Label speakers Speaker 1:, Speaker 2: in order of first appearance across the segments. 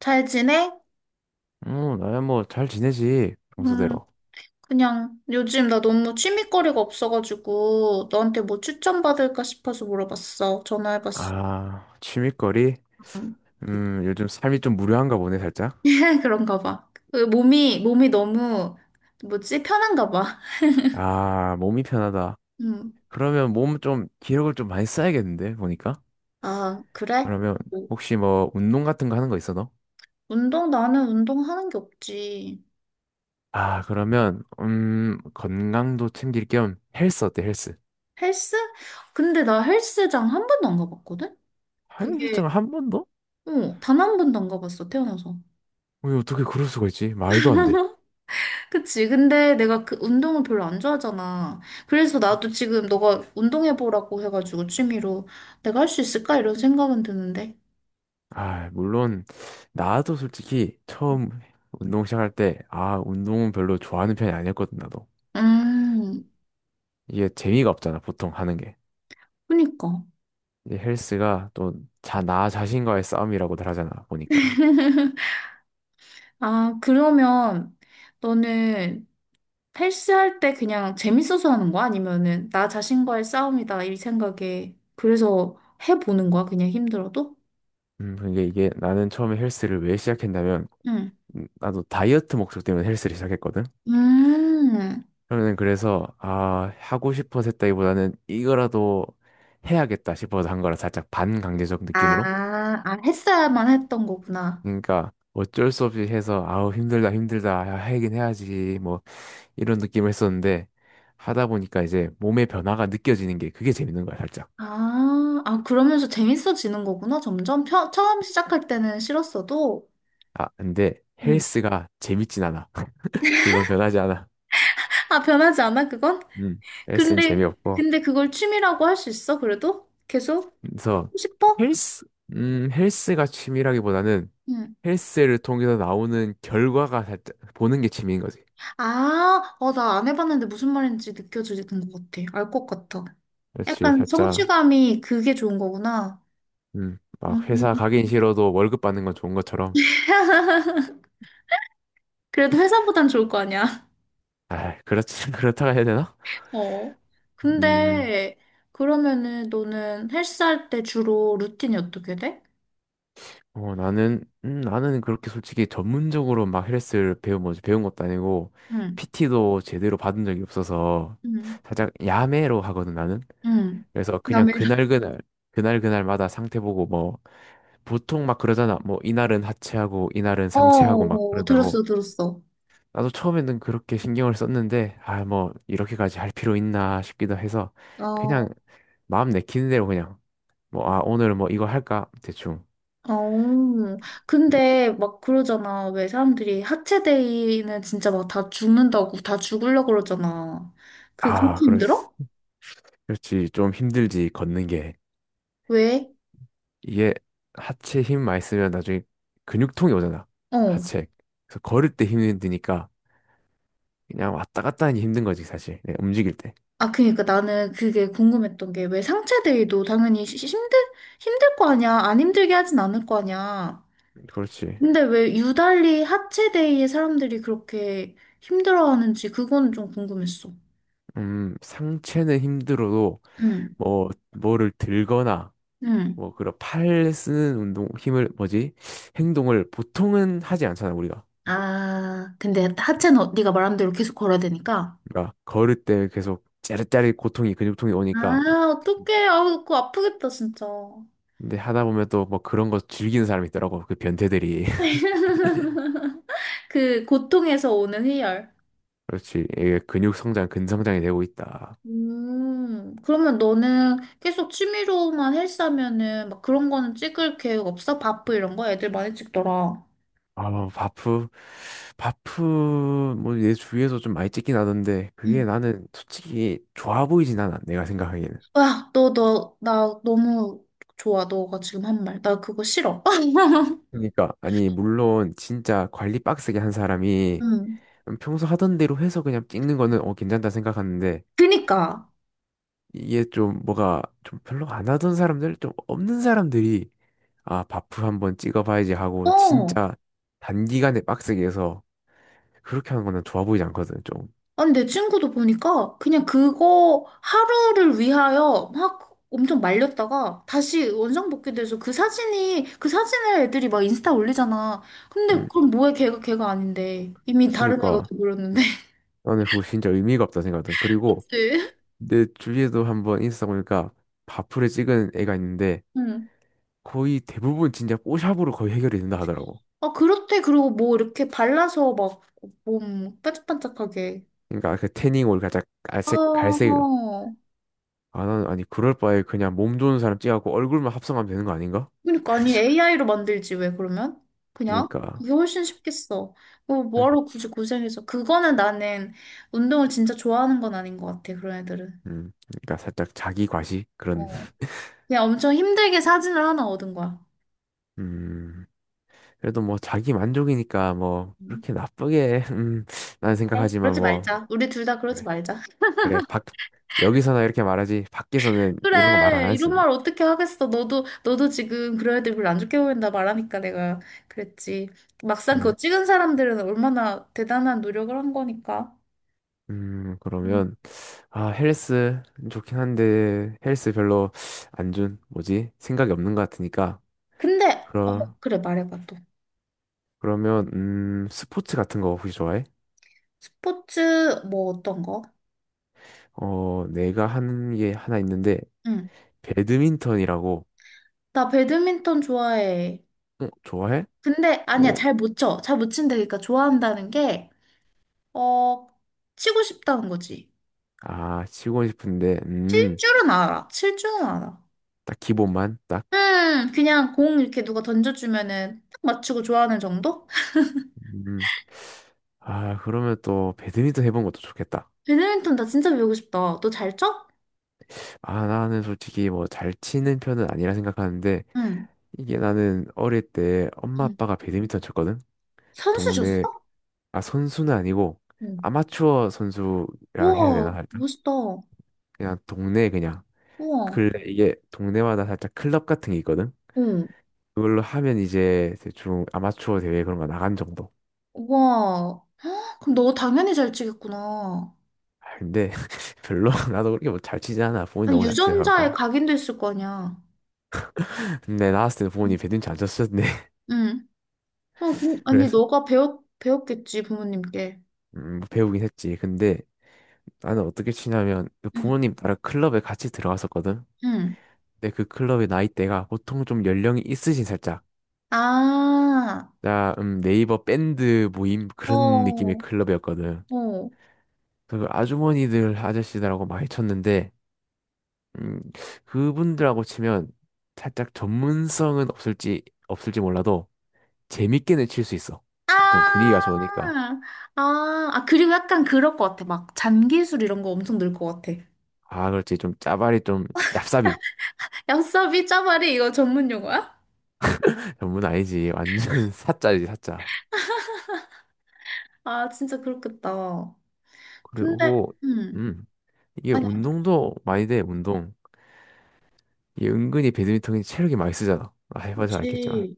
Speaker 1: 잘 지내?
Speaker 2: 어, 나야 뭐 잘 지내지,
Speaker 1: 음,
Speaker 2: 평소대로.
Speaker 1: 그냥 요즘 나 너무 취미거리가 없어가지고 너한테 뭐 추천받을까 싶어서 물어봤어. 전화해봤어.
Speaker 2: 아, 취미거리?
Speaker 1: 음.
Speaker 2: 요즘 삶이 좀 무료한가 보네, 살짝.
Speaker 1: 그런가 봐. 그 몸이 너무, 뭐지? 편한가 봐.
Speaker 2: 아, 몸이 편하다.
Speaker 1: 음.
Speaker 2: 그러면 몸 좀, 기력을 좀 많이 써야겠는데, 보니까.
Speaker 1: 아, 그래?
Speaker 2: 그러면
Speaker 1: 뭐,
Speaker 2: 혹시 뭐 운동 같은 거 하는 거 있어, 너?
Speaker 1: 운동, 나는 운동하는 게 없지.
Speaker 2: 아, 그러면, 건강도 챙길 겸 헬스 어때, 헬스?
Speaker 1: 헬스? 근데 나 헬스장 한 번도 안 가봤거든? 그게,
Speaker 2: 헬스장 한 번도?
Speaker 1: 어, 단 한 번도 안 가봤어, 태어나서.
Speaker 2: 왜 어떻게 그럴 수가 있지? 말도 안 돼.
Speaker 1: 그치. 근데 내가 그 운동을 별로 안 좋아하잖아. 그래서 나도 지금 너가 운동해보라고 해가지고 취미로 내가 할 수 있을까? 이런 생각은 드는데.
Speaker 2: 아, 물론 나도 솔직히 처음 운동 시작할 때 아, 운동은 별로 좋아하는 편이 아니었거든 나도.
Speaker 1: 음,
Speaker 2: 이게 재미가 없잖아, 보통 하는 게.
Speaker 1: 그니까.
Speaker 2: 이제 헬스가 또 자, 나 자신과의 싸움이라고들 하잖아, 보니까.
Speaker 1: 아, 그러면 너는 헬스할 때 그냥 재밌어서 하는 거야? 아니면은 나 자신과의 싸움이다 이 생각에 그래서 해보는 거야? 그냥 힘들어도?
Speaker 2: 근데 이게 나는 처음에 헬스를 왜 시작했냐면
Speaker 1: 응.
Speaker 2: 나도 다이어트 목적 때문에 헬스를 시작했거든.
Speaker 1: 음.
Speaker 2: 그러면 그래서 아, 하고 싶어서 했다기보다는 이거라도 해야겠다 싶어서 한 거라 살짝 반강제적
Speaker 1: 아,
Speaker 2: 느낌으로
Speaker 1: 했어야만 했던 거구나.
Speaker 2: 그러니까 어쩔 수 없이 해서 아우 힘들다 힘들다 야, 하긴 해야지 뭐 이런 느낌을 했었는데 하다 보니까 이제 몸의 변화가 느껴지는 게 그게 재밌는 거야 살짝.
Speaker 1: 아, 그러면서 재밌어지는 거구나, 점점. 처음 시작할 때는 싫었어도.
Speaker 2: 아 근데
Speaker 1: 음.
Speaker 2: 헬스가 재밌진 않아. 그건 변하지 않아.
Speaker 1: 아, 변하지 않아, 그건?
Speaker 2: 음 헬스는
Speaker 1: 근데,
Speaker 2: 재미없고
Speaker 1: 근데 그걸 취미라고 할 수 있어, 그래도? 계속?
Speaker 2: 그래서
Speaker 1: 하고 싶어?
Speaker 2: 헬스 헬스가 취미라기보다는
Speaker 1: 응.
Speaker 2: 헬스를 통해서 나오는 결과가 살짝 보는 게 취미인 거지.
Speaker 1: 아, 어, 나 안 해봤는데 무슨 말인지 느껴지는 것 같아. 알 것 같아.
Speaker 2: 그렇지
Speaker 1: 약간
Speaker 2: 살짝
Speaker 1: 성취감이 그게 좋은 거구나.
Speaker 2: 음막 회사
Speaker 1: 음.
Speaker 2: 가긴 싫어도 월급 받는 건 좋은 것처럼.
Speaker 1: 그래도 회사보단 좋을 거 아니야.
Speaker 2: 아 그렇지 그렇다고 해야 되나?
Speaker 1: 어.
Speaker 2: 음,
Speaker 1: 근데, 그러면은 너는 헬스할 때 주로 루틴이 어떻게 돼?
Speaker 2: 나는 그렇게 솔직히 전문적으로 막 헬스를 배운, 뭐지, 배운 것도 아니고,
Speaker 1: 응.
Speaker 2: PT도 제대로 받은 적이 없어서,
Speaker 1: 응,
Speaker 2: 살짝 야매로 하거든, 나는.
Speaker 1: 응.
Speaker 2: 그래서 그냥
Speaker 1: 야매라.
Speaker 2: 그날그날마다 상태 보고, 뭐, 보통 막 그러잖아. 뭐, 이날은 하체하고, 이날은
Speaker 1: 어,
Speaker 2: 상체하고 막
Speaker 1: 어,
Speaker 2: 그런다고.
Speaker 1: 들었어, 들었어.
Speaker 2: 나도 처음에는 그렇게 신경을 썼는데, 아, 뭐, 이렇게까지 할 필요 있나 싶기도 해서,
Speaker 1: 어,
Speaker 2: 그냥 마음 내키는 대로 그냥, 뭐, 아, 오늘 뭐 이거 할까? 대충.
Speaker 1: 어. 근데 막 그러잖아. 왜 사람들이 하체데이는 진짜 막 다 죽는다고, 다 죽으려고 그러잖아. 그렇게
Speaker 2: 아, 그랬어.
Speaker 1: 힘들어?
Speaker 2: 그렇지. 좀 힘들지, 걷는 게.
Speaker 1: 왜?
Speaker 2: 이게 하체 힘 많이 쓰면 나중에 근육통이 오잖아.
Speaker 1: 어.
Speaker 2: 하체. 그래서 걸을 때 힘드니까 그냥 왔다 갔다 하니 힘든 거지, 사실. 네, 움직일 때.
Speaker 1: 아, 그니까 나는 그게 궁금했던 게 왜 상체데이도 당연히 힘들, 힘들 거 아니야. 안 힘들게 하진 않을 거 아니야.
Speaker 2: 그렇지.
Speaker 1: 근데 왜 유달리 하체데이에 사람들이 그렇게 힘들어하는지 그건 좀 궁금했어.
Speaker 2: 상체는 힘들어도
Speaker 1: 응,
Speaker 2: 뭐, 뭐를 들거나
Speaker 1: 응.
Speaker 2: 뭐, 그런 팔 쓰는 운동, 힘을, 뭐지? 행동을 보통은 하지 않잖아, 우리가.
Speaker 1: 아, 근데 하체는 네가 말한 대로 계속 걸어야 되니까.
Speaker 2: 그러니까 걸을 때 계속 짜릿짜릿 고통이, 근육통이
Speaker 1: 아,
Speaker 2: 오니까 막
Speaker 1: 어떡해. 아, 그거 아프겠다, 진짜.
Speaker 2: 근데 하다 보면 또 뭐 그런 거 즐기는 사람이 있더라고. 그 변태들이.
Speaker 1: 그 고통에서 오는 희열.
Speaker 2: 그렇지. 이게 근육 성장, 근성장이 되고 있다.
Speaker 1: 그러면 너는 계속 취미로만 헬스하면은 막 그런 거는 찍을 계획 없어? 바프 이런 거? 애들 많이 찍더라.
Speaker 2: 아, 뭐 바프, 뭐, 내 주위에서 좀 많이 찍긴 하던데, 그게
Speaker 1: 응.
Speaker 2: 나는 솔직히 좋아 보이진 않아, 내가 생각하기에는.
Speaker 1: 와, 나 너무 좋아. 너가 지금 한 말. 나 그거 싫어.
Speaker 2: 그러니까, 아니, 물론, 진짜 관리 빡세게 한 사람이
Speaker 1: 응.
Speaker 2: 평소 하던 대로 해서 그냥 찍는 거는, 어, 괜찮다 생각하는데,
Speaker 1: 그니까.
Speaker 2: 이게 좀 뭐가 좀 별로 안 하던 사람들, 좀 없는 사람들이, 아, 바프 한번 찍어봐야지 하고,
Speaker 1: 어.
Speaker 2: 진짜 단기간에 빡세게 해서, 그렇게 하는 거는 좋아 보이지 않거든, 좀.
Speaker 1: 아니, 내 친구도 보니까 그냥 그거 하루를 위하여 막 엄청 말렸다가 다시 원상복귀돼서 그 사진을 애들이 막 인스타 올리잖아. 근데
Speaker 2: 음.
Speaker 1: 그럼 뭐해, 걔가 아닌데. 이미 다른 애가
Speaker 2: 그니까
Speaker 1: 돼버렸는데.
Speaker 2: 나는 그거 진짜 의미가 없다 생각하거든. 그리고
Speaker 1: 그치?
Speaker 2: 내 주위에도 한번 인스타 보니까 바프를 찍은 애가 있는데
Speaker 1: 응.
Speaker 2: 거의 대부분 진짜 뽀샵으로 거의 해결이 된다 하더라고.
Speaker 1: 아, 그렇대. 그리고 뭐 이렇게 발라서 막 몸 반짝반짝하게.
Speaker 2: 그러니까 그 태닝 올 살짝
Speaker 1: 아,
Speaker 2: 갈색 갈색 아 나는 아니 그럴 바에 그냥 몸 좋은 사람 찍어갖고 얼굴만 합성하면 되는 거 아닌가?
Speaker 1: 그러니까 아니 AI로 만들지 왜 그러면? 그냥?
Speaker 2: 그러니까
Speaker 1: 그게 훨씬 쉽겠어.
Speaker 2: 살-
Speaker 1: 뭐하러 굳이 고생해서. 그거는 나는 운동을 진짜 좋아하는 건 아닌 것 같아. 그런 애들은.
Speaker 2: 살짝 자기 과시 그런
Speaker 1: 어. 그냥 엄청 힘들게 사진을 하나 얻은 거야.
Speaker 2: 음 그래도 뭐 자기 만족이니까 뭐
Speaker 1: 음.
Speaker 2: 그렇게 나쁘게 나는
Speaker 1: 네.
Speaker 2: 생각하지만
Speaker 1: 그러지
Speaker 2: 뭐
Speaker 1: 말자. 우리 둘 다 그러지
Speaker 2: 네.
Speaker 1: 말자.
Speaker 2: 그래, 여기서나 이렇게 말하지, 밖에서는 이런 거 말 안
Speaker 1: 그래.
Speaker 2: 하지.
Speaker 1: 이런 말 어떻게 하겠어. 너도 지금 그런 애들 별로 안 좋게 보인다 말하니까 내가 그랬지. 막상 그거
Speaker 2: 그래.
Speaker 1: 찍은 사람들은 얼마나 대단한 노력을 한 거니까. 음.
Speaker 2: 그러면, 아, 헬스 좋긴 한데, 헬스 별로 안 준, 뭐지? 생각이 없는 것 같으니까.
Speaker 1: 근데 어
Speaker 2: 그러,
Speaker 1: 그래 말해봐 또.
Speaker 2: 그러면, 스포츠 같은 거 혹시 좋아해?
Speaker 1: 스포츠 뭐 어떤 거?
Speaker 2: 어, 내가 하는 게 하나 있는데,
Speaker 1: 응.
Speaker 2: 배드민턴이라고,
Speaker 1: 나 배드민턴 좋아해.
Speaker 2: 어, 좋아해?
Speaker 1: 근데 아니야,
Speaker 2: 어,
Speaker 1: 잘 못 쳐. 잘 못 친다. 그러니까 좋아한다는 게, 어, 치고 싶다는 거지.
Speaker 2: 아, 치고 싶은데,
Speaker 1: 칠 줄은 알아. 칠 줄은 알아.
Speaker 2: 딱 기본만, 딱.
Speaker 1: 그냥 공 이렇게 누가 던져주면은 딱 맞추고 좋아하는 정도?
Speaker 2: 음, 아, 그러면 또 배드민턴 해본 것도 좋겠다.
Speaker 1: 배드민턴 나 진짜 배우고 싶다. 너 잘 쳐?
Speaker 2: 아, 나는 솔직히 뭐 잘 치는 편은 아니라 생각하는데
Speaker 1: 응.
Speaker 2: 이게 나는 어릴 때 엄마
Speaker 1: 응.
Speaker 2: 아빠가 배드민턴 쳤거든? 동네
Speaker 1: 선수셨어?
Speaker 2: 아 선수는 아니고
Speaker 1: 응.
Speaker 2: 아마추어 선수라 해야 되나
Speaker 1: 우와,
Speaker 2: 살짝?
Speaker 1: 멋있다.
Speaker 2: 그냥 동네 그냥
Speaker 1: 우와.
Speaker 2: 근래 이게 동네마다 살짝 클럽 같은 게 있거든?
Speaker 1: 응.
Speaker 2: 그걸로 하면 이제 대충 아마추어 대회 그런 거 나간 정도.
Speaker 1: 우와. 헉, 그럼 너 당연히 잘 치겠구나.
Speaker 2: 아, 근데 별로 나도 그렇게 뭐 잘 치지 않아. 부모님
Speaker 1: 아니,
Speaker 2: 너무 잘
Speaker 1: 유전자에
Speaker 2: 치셔가고.
Speaker 1: 각인됐을 거 아니야.
Speaker 2: 근데 나왔을 때
Speaker 1: 응,
Speaker 2: 부모님 배드민턴 안 쳤었는데
Speaker 1: 응. 어, 아니,
Speaker 2: 그래서
Speaker 1: 배웠겠지, 부모님께.
Speaker 2: 뭐 배우긴 했지. 근데 나는 어떻게 치냐면 그
Speaker 1: 응,
Speaker 2: 부모님 따라 클럽에 같이 들어갔었거든.
Speaker 1: 응.
Speaker 2: 근데 그 클럽의 나이대가 보통 좀 연령이 있으신 살짝.
Speaker 1: 아,
Speaker 2: 자, 네이버 밴드 모임
Speaker 1: 어,
Speaker 2: 그런 느낌의
Speaker 1: 어.
Speaker 2: 클럽이었거든. 그 아주머니들 아저씨들하고 많이 쳤는데 음, 그분들하고 치면 살짝 전문성은 없을지 몰라도 재밌게는 칠 수 있어. 보통
Speaker 1: 아,
Speaker 2: 분위기가 좋으니까.
Speaker 1: 그리고 약간 그럴 것 같아. 막, 잔기술 이런 거 엄청 늘 것 같아.
Speaker 2: 아, 그렇지. 좀 짜발이 좀 얍삽이.
Speaker 1: 얍사비 짜바리 이거 전문 용어야?
Speaker 2: 전문 아니지. 완전 사짜지, 사짜.
Speaker 1: 아, 진짜 그렇겠다. 근데,
Speaker 2: 그리고
Speaker 1: 응.
Speaker 2: 음 이게
Speaker 1: 아니,
Speaker 2: 운동도 많이 돼 운동 이게 은근히 배드민턴이 체력이 많이 쓰잖아 아, 해봐서 알겠지만
Speaker 1: 그렇지.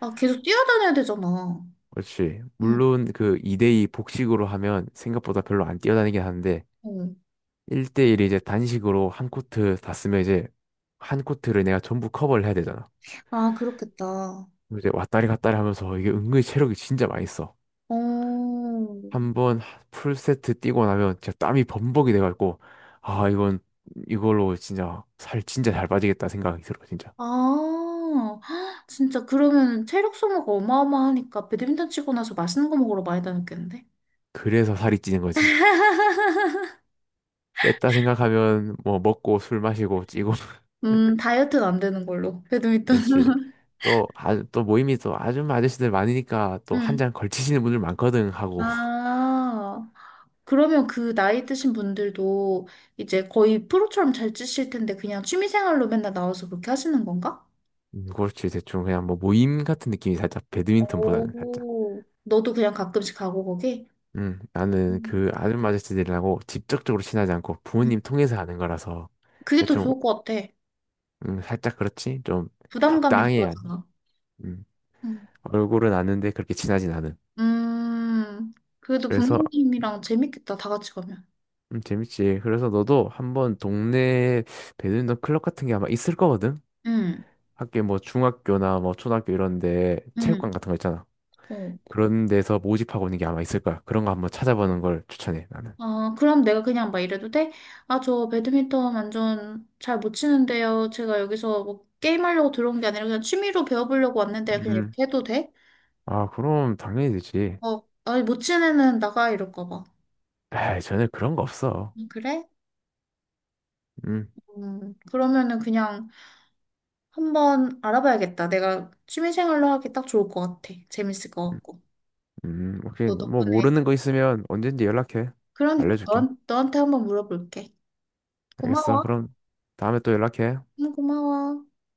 Speaker 1: 아, 계속 뛰어다녀야 되잖아.
Speaker 2: 그렇지
Speaker 1: 응,
Speaker 2: 물론 그 2대2 복식으로 하면 생각보다 별로 안 뛰어다니긴 하는데
Speaker 1: 응.
Speaker 2: 1대1 이제 단식으로 한 코트 다 쓰면 이제 한 코트를 내가 전부 커버를 해야 되잖아
Speaker 1: 아, 그렇겠다.
Speaker 2: 그럼 이제 왔다리 갔다리 하면서 이게 은근히 체력이 진짜 많이 써
Speaker 1: 어.
Speaker 2: 한번 풀세트 뛰고 나면 진짜 땀이 범벅이 돼가지고 아 이건 이걸로 진짜 살 진짜 잘 빠지겠다 생각이 들어 진짜
Speaker 1: 아, 헉, 진짜 그러면 체력 소모가 어마어마하니까 배드민턴 치고 나서 맛있는 거 먹으러 많이 다녔겠는데?
Speaker 2: 그래서 살이 찌는 거지. 뺐다 생각하면 뭐 먹고 술 마시고 찌고.
Speaker 1: 다이어트는 안 되는 걸로. 배드민턴.
Speaker 2: 역시 또, 아, 또 모임이 또 아줌마 아저씨들 많으니까 또 한
Speaker 1: 음.
Speaker 2: 잔 걸치시는 분들 많거든 하고.
Speaker 1: 아, 그러면 그 나이 드신 분들도 이제 거의 프로처럼 잘 치실 텐데 그냥 취미 생활로 맨날 나와서 그렇게 하시는 건가?
Speaker 2: 그렇지 대충 그냥 뭐 모임 같은 느낌이 살짝 배드민턴보다는 살짝.
Speaker 1: 오. 너도 그냥 가끔씩 가고 거기?
Speaker 2: 나는
Speaker 1: 음.
Speaker 2: 그 아줌마 아저씨들이라고 직접적으로 친하지 않고
Speaker 1: 음.
Speaker 2: 부모님 통해서 아는 거라서
Speaker 1: 그게 더
Speaker 2: 대충
Speaker 1: 좋을 것 같아.
Speaker 2: 살짝 그렇지 좀
Speaker 1: 부담감이
Speaker 2: 적당해야.
Speaker 1: 덜하잖아.
Speaker 2: 음,
Speaker 1: 음.
Speaker 2: 얼굴은 아는데 그렇게 친하진 않은.
Speaker 1: 음, 그래도
Speaker 2: 그래서
Speaker 1: 부모님이랑 재밌겠다, 다 같이 가면.
Speaker 2: 재밌지. 그래서 너도 한번 동네 배드민턴 클럽 같은 게 아마 있을 거거든?
Speaker 1: 응,
Speaker 2: 학교 뭐 중학교나 뭐 초등학교 이런 데
Speaker 1: 응,
Speaker 2: 체육관 같은 거 있잖아.
Speaker 1: 어.
Speaker 2: 그런 데서 모집하고 있는 게 아마 있을 거야. 그런 거 한번 찾아보는 걸 추천해, 나는.
Speaker 1: 아, 그럼 내가 그냥 막 이래도 돼? 아, 저 배드민턴 완전 잘 못 치는데요. 제가 여기서 뭐 게임하려고 들어온 게 아니라 그냥 취미로 배워보려고 왔는데 그냥
Speaker 2: 음.
Speaker 1: 이렇게 해도 돼?
Speaker 2: 아, 그럼 당연히 되지.
Speaker 1: 어, 아니, 못 치는 애는 나가 이럴까 봐.
Speaker 2: 에이, 전에 그런 거 없어.
Speaker 1: 그래?
Speaker 2: 음.
Speaker 1: 그러면은 그냥 한번 알아봐야겠다. 내가 취미생활로 하기 딱 좋을 것 같아. 재밌을 것
Speaker 2: 음,
Speaker 1: 같고.
Speaker 2: 오케이.
Speaker 1: 너
Speaker 2: 뭐
Speaker 1: 덕분에.
Speaker 2: 모르는 거 있으면 언제든지 연락해.
Speaker 1: 그러니까
Speaker 2: 알려줄게.
Speaker 1: 너한테 한번 물어볼게.
Speaker 2: 알겠어.
Speaker 1: 고마워.
Speaker 2: 그럼 다음에 또 연락해.
Speaker 1: 응, 고마워.